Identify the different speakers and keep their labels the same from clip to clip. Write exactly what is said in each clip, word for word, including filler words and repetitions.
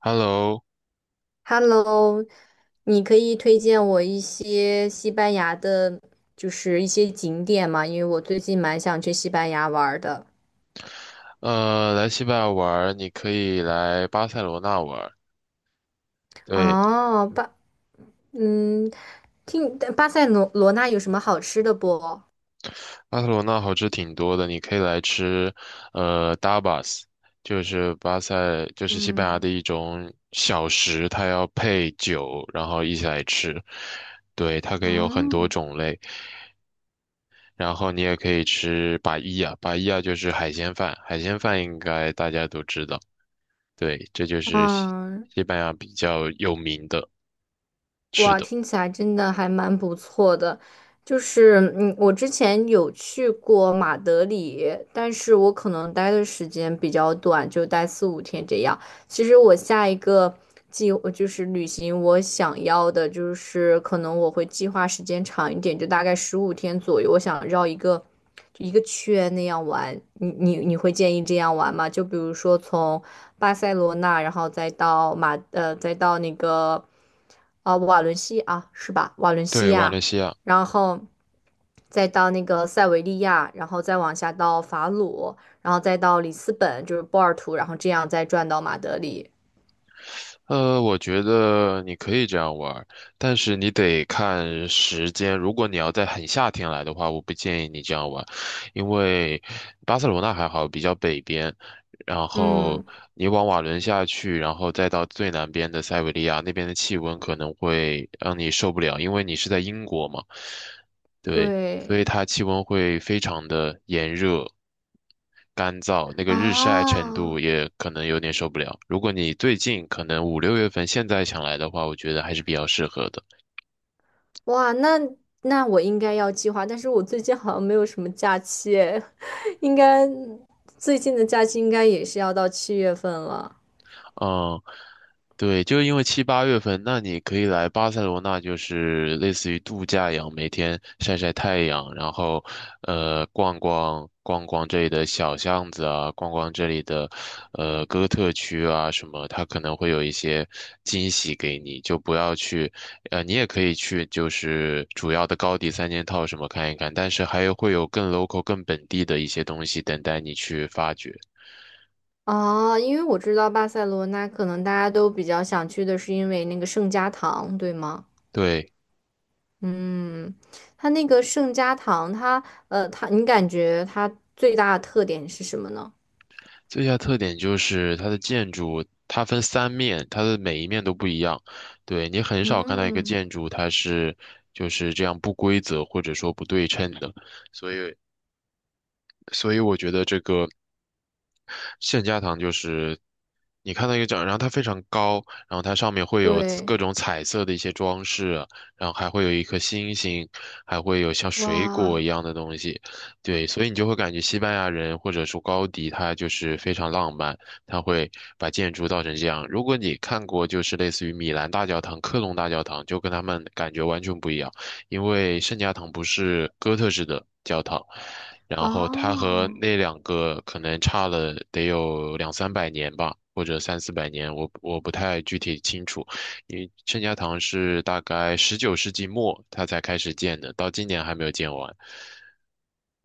Speaker 1: Hello，
Speaker 2: Hello，你可以推荐我一些西班牙的，就是一些景点吗？因为我最近蛮想去西班牙玩儿的。
Speaker 1: 呃，来西班牙玩儿你可以来巴塞罗那玩儿。对，
Speaker 2: 哦，巴，嗯，听巴塞罗罗那有什么好吃的不？
Speaker 1: 巴塞罗那好吃挺多的，你可以来吃，呃，tapas，就是巴塞，就是西班牙
Speaker 2: 嗯，
Speaker 1: 的一种小食，它要配酒，然后一起来吃。对，它可以有很
Speaker 2: 哦，
Speaker 1: 多种类，然后你也可以吃巴伊亚，巴伊亚就是海鲜饭，海鲜饭应该大家都知道。对，这就是西
Speaker 2: 嗯，
Speaker 1: 西班牙比较有名的吃
Speaker 2: 哇，
Speaker 1: 的。
Speaker 2: 听起来真的还蛮不错的。就是，嗯，我之前有去过马德里，但是我可能待的时间比较短，就待四五天这样。其实我下一个计呃就是旅行，我想要的就是可能我会计划时间长一点，就大概十五天左右。我想绕一个就一个圈那样玩。你你你会建议这样玩吗？就比如说从巴塞罗那，然后再到马呃，再到那个呃瓦伦西啊，是吧？瓦伦西
Speaker 1: 对，瓦伦
Speaker 2: 亚，
Speaker 1: 西亚。
Speaker 2: 然后再到那个塞维利亚，然后再往下到法鲁，然后再到里斯本，就是波尔图，然后这样再转到马德里。
Speaker 1: 呃，我觉得你可以这样玩儿，但是你得看时间。如果你要在很夏天来的话，我不建议你这样玩，因为巴塞罗那还好，比较北边，然后
Speaker 2: 嗯，
Speaker 1: 你往瓦伦下去，然后再到最南边的塞维利亚，那边的气温可能会让你受不了，因为你是在英国嘛。对，所
Speaker 2: 对。
Speaker 1: 以它气温会非常的炎热、干燥，那个日晒程度
Speaker 2: 啊，
Speaker 1: 也可能有点受不了。如果你最近可能五六月份现在想来的话，我觉得还是比较适合的。
Speaker 2: 哇，那那我应该要计划，但是我最近好像没有什么假期诶，应该最近的假期应该也是要到七月份了。
Speaker 1: 嗯，对，就是因为七八月份，那你可以来巴塞罗那，就是类似于度假一样，每天晒晒太阳，然后呃逛逛逛逛这里的小巷子啊，逛逛这里的呃哥特区啊什么，它可能会有一些惊喜给你，就不要去，呃，你也可以去，就是主要的高迪三件套什么看一看，但是还有会有更 local、更本地的一些东西等待你去发掘。
Speaker 2: 啊，因为我知道巴塞罗那可能大家都比较想去的是因为那个圣家堂，对吗？
Speaker 1: 对。
Speaker 2: 嗯，它那个圣家堂，它呃，它你感觉它最大的特点是什么呢？
Speaker 1: 最大特点就是它的建筑，它分三面，它的每一面都不一样。对，你很少看到一个
Speaker 2: 嗯，
Speaker 1: 建筑，它是就是这样不规则或者说不对称的。所以，所以我觉得这个圣家堂就是你看到一个展，然后它非常高，然后它上面会有
Speaker 2: 对，
Speaker 1: 各种彩色的一些装饰，然后还会有一颗星星，还会有像水果一
Speaker 2: 哇，
Speaker 1: 样的东西。对，所以你就会感觉西班牙人或者说高迪他就是非常浪漫，他会把建筑造成这样。如果你看过就是类似于米兰大教堂、科隆大教堂，就跟他们感觉完全不一样。因为圣家堂不是哥特式的教堂，然后它和
Speaker 2: 哦。
Speaker 1: 那两个可能差了得有两三百年吧，或者三四百年，我我不太具体清楚。因为圣家堂是大概十九世纪末它才开始建的，到今年还没有建完。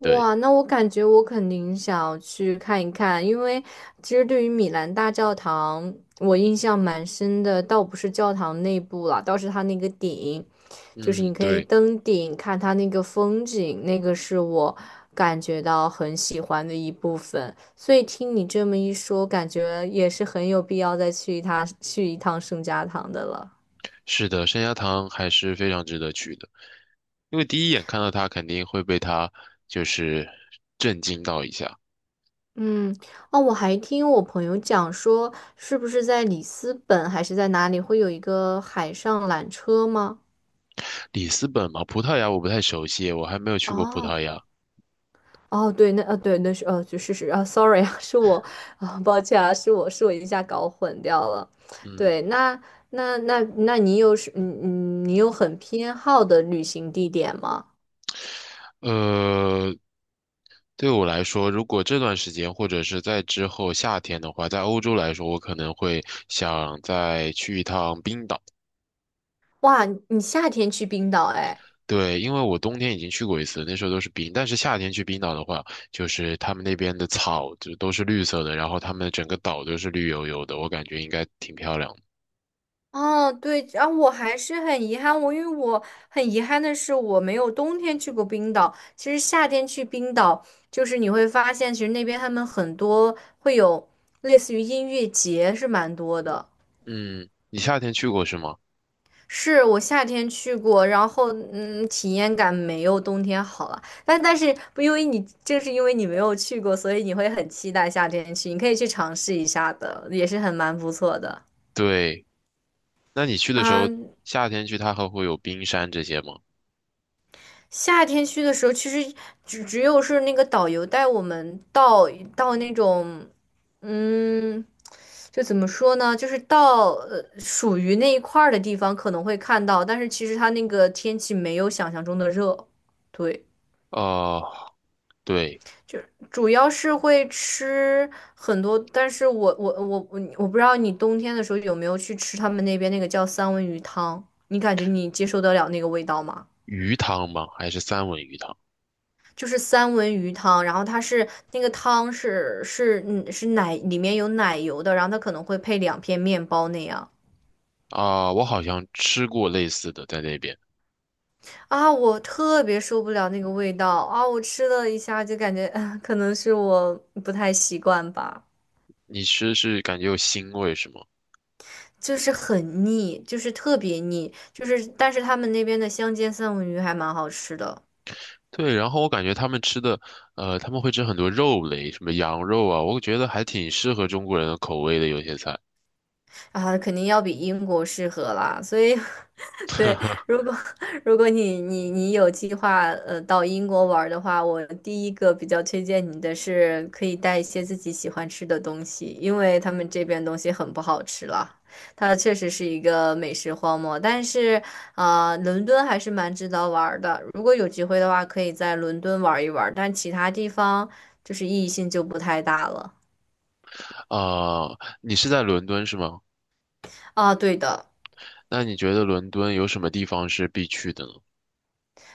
Speaker 1: 对，
Speaker 2: 那我感觉我肯定想要去看一看，因为其实对于米兰大教堂，我印象蛮深的，倒不是教堂内部了，倒是它那个顶，就是
Speaker 1: 嗯，
Speaker 2: 你可以
Speaker 1: 对，
Speaker 2: 登顶看它那个风景，那个是我感觉到很喜欢的一部分。所以听你这么一说，感觉也是很有必要再去一趟去一趟圣家堂的了。
Speaker 1: 是的，圣家堂还是非常值得去的，因为第一眼看到它肯定会被它就是震惊到一下。
Speaker 2: 嗯，哦，我还听我朋友讲说，是不是在里斯本还是在哪里会有一个海上缆车吗？
Speaker 1: 里斯本嘛，葡萄牙我不太熟悉，我还没有去过葡萄
Speaker 2: 哦，
Speaker 1: 牙。
Speaker 2: 哦，对，那呃，对，那是呃，就是是啊，sorry 啊，是我啊，抱歉啊，是我是我一下搞混掉了。
Speaker 1: 嗯，
Speaker 2: 对，那那那那你有是嗯嗯，你有很偏好的旅行地点吗？
Speaker 1: 呃，对我来说，如果这段时间或者是在之后夏天的话，在欧洲来说，我可能会想再去一趟冰岛。
Speaker 2: 哇，你夏天去冰岛哎。
Speaker 1: 对，因为我冬天已经去过一次，那时候都是冰，但是夏天去冰岛的话，就是他们那边的草就都是绿色的，然后他们整个岛都是绿油油的，我感觉应该挺漂亮的。
Speaker 2: 哦，对，然后我还是很遗憾，我因为我很遗憾的是，我没有冬天去过冰岛。其实夏天去冰岛，就是你会发现，其实那边他们很多会有类似于音乐节，是蛮多的。
Speaker 1: 嗯，你夏天去过是吗？
Speaker 2: 是我夏天去过，然后嗯，体验感没有冬天好了。但但是不因为你正是因为你没有去过，所以你会很期待夏天去，你可以去尝试一下的，也是很蛮不错的。
Speaker 1: 对。那你去的时
Speaker 2: 啊，
Speaker 1: 候，夏天去它还会有冰山这些吗？
Speaker 2: 夏天去的时候，其实只只有是那个导游带我们到到那种，嗯，就怎么说呢，就是到呃属于那一块儿的地方可能会看到，但是其实它那个天气没有想象中的热，对。
Speaker 1: 哦，对，
Speaker 2: 就是主要是会吃很多，但是我我我我我不知道你冬天的时候有没有去吃他们那边那个叫三文鱼汤，你感觉你接受得了那个味道吗？
Speaker 1: 鱼汤吗？还是三文鱼汤？
Speaker 2: 就是三文鱼汤，然后它是那个汤是是嗯是奶里面有奶油的，然后它可能会配两片面包那样
Speaker 1: 啊、我好像吃过类似的在那边。
Speaker 2: 啊，我特别受不了那个味道啊，我吃了一下就感觉，啊，可能是我不太习惯吧，
Speaker 1: 你吃是感觉有腥味是吗？
Speaker 2: 就是很腻，就是特别腻，就是但是他们那边的香煎三文鱼还蛮好吃的。
Speaker 1: 对，然后我感觉他们吃的，呃，他们会吃很多肉类，什么羊肉啊，我觉得还挺适合中国人的口味的有些菜。
Speaker 2: 啊，肯定要比英国适合啦。所以，对，如 果如果你你你有计划呃到英国玩儿的话，我第一个比较推荐你的是可以带一些自己喜欢吃的东西，因为他们这边东西很不好吃了。它确实是一个美食荒漠，但是啊、呃伦敦还是蛮值得玩儿的。如果有机会的话，可以在伦敦玩一玩儿但其他地方就是意义性就不太大了。
Speaker 1: 啊、你是在伦敦是吗？
Speaker 2: 啊，对的，
Speaker 1: 那你觉得伦敦有什么地方是必去的呢？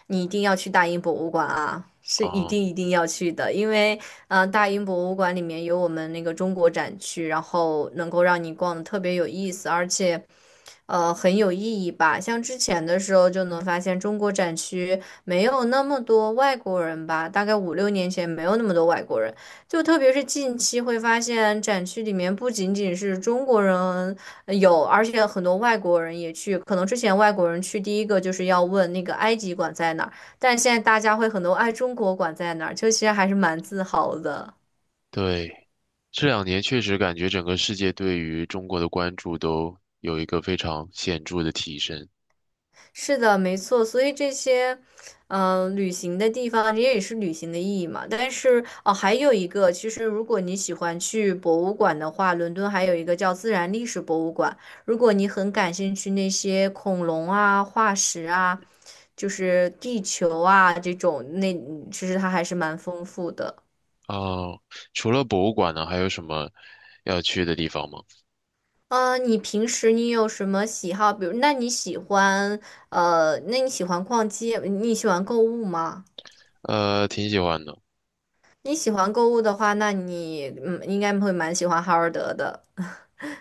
Speaker 2: 你一定要去大英博物馆啊，是一定
Speaker 1: 啊、
Speaker 2: 一定要去的，因为嗯、呃大英博物馆里面有我们那个中国展区，然后能够让你逛的特别有意思，而且。呃很有意义吧。像之前的时候就能发现中国展区没有那么多外国人吧，大概五六年前没有那么多外国人，就特别是近期会发现展区里面不仅仅是中国人呃有，而且很多外国人也去。可能之前外国人去第一个就是要问那个埃及馆在哪儿，但现在大家会很多哎中国馆在哪儿，就其实还是蛮自豪的。
Speaker 1: 对，这两年确实感觉整个世界对于中国的关注都有一个非常显著的提升。
Speaker 2: 是的，没错，所以这些，嗯、旅行的地方，这也是旅行的意义嘛。但是哦，还有一个，其实如果你喜欢去博物馆的话，伦敦还有一个叫自然历史博物馆。如果你很感兴趣那些恐龙啊、化石啊，就是地球啊这种，那其实它还是蛮丰富的。
Speaker 1: 哦，除了博物馆呢，还有什么要去的地方吗？
Speaker 2: 嗯，你平时你有什么喜好？比如，那你喜欢呃，那你喜欢逛街，你喜欢购物吗？
Speaker 1: 呃，挺喜欢的。
Speaker 2: 你喜欢购物的话，那你嗯应该会蛮喜欢哈尔德的。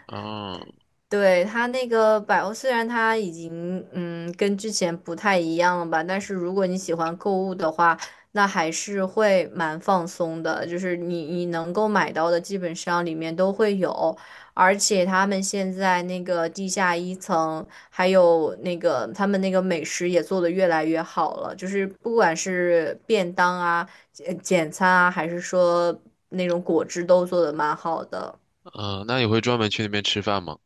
Speaker 1: 嗯
Speaker 2: 对，它那个百欧，虽然它已经嗯跟之前不太一样了吧，但是如果你喜欢购物的话，那还是会蛮放松的。就是你你能够买到的，基本上里面都会有，而且他们现在那个地下一层，还有那个他们那个美食也做得越来越好了，就是不管是便当啊、简简餐啊，还是说那种果汁都做的蛮好的。
Speaker 1: 嗯，那你会专门去那边吃饭吗？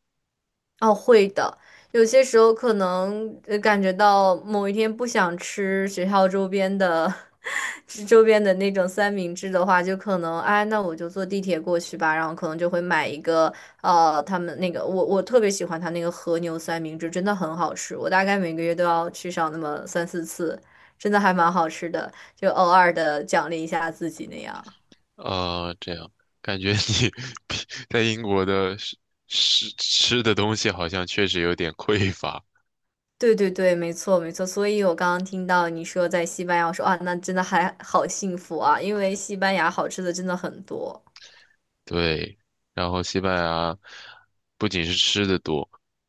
Speaker 2: 哦，会的。有些时候可能呃感觉到某一天不想吃学校周边的，吃周边的那种三明治的话，就可能哎，那我就坐地铁过去吧。然后可能就会买一个呃，他们那个我我特别喜欢他那个和牛三明治，真的很好吃。我大概每个月都要去上那么三四次，真的还蛮好吃的，就偶尔的奖励一下自己那样。
Speaker 1: 呃，这样感觉你 在英国的吃吃吃的东西好像确实有点匮乏。
Speaker 2: 对对对，没错没错，所以我刚刚听到你说在西班牙，我说啊，那真的还好幸福啊，因为西班牙好吃的真的很多，
Speaker 1: 对，然后西班牙不仅是吃的多，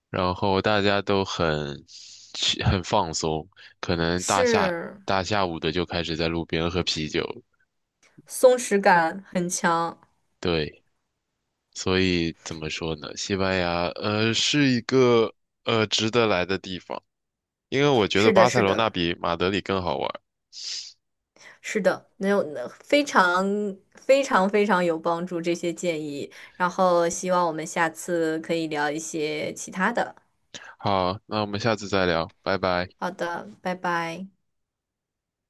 Speaker 1: 然后大家都很去很放松，可能大下
Speaker 2: 是
Speaker 1: 大下午的就开始在路边喝啤酒了。
Speaker 2: 松弛感很强，
Speaker 1: 对，所以怎么说呢？西班牙呃是一个呃值得来的地方，因为我觉得
Speaker 2: 是的，
Speaker 1: 巴塞
Speaker 2: 是
Speaker 1: 罗那
Speaker 2: 的，
Speaker 1: 比马德里更好玩儿。
Speaker 2: 是的，能有那非常非常非常有帮助这些建议，然后希望我们下次可以聊一些其他的。
Speaker 1: 好，那我们下次再聊，拜拜。
Speaker 2: 好的，拜拜。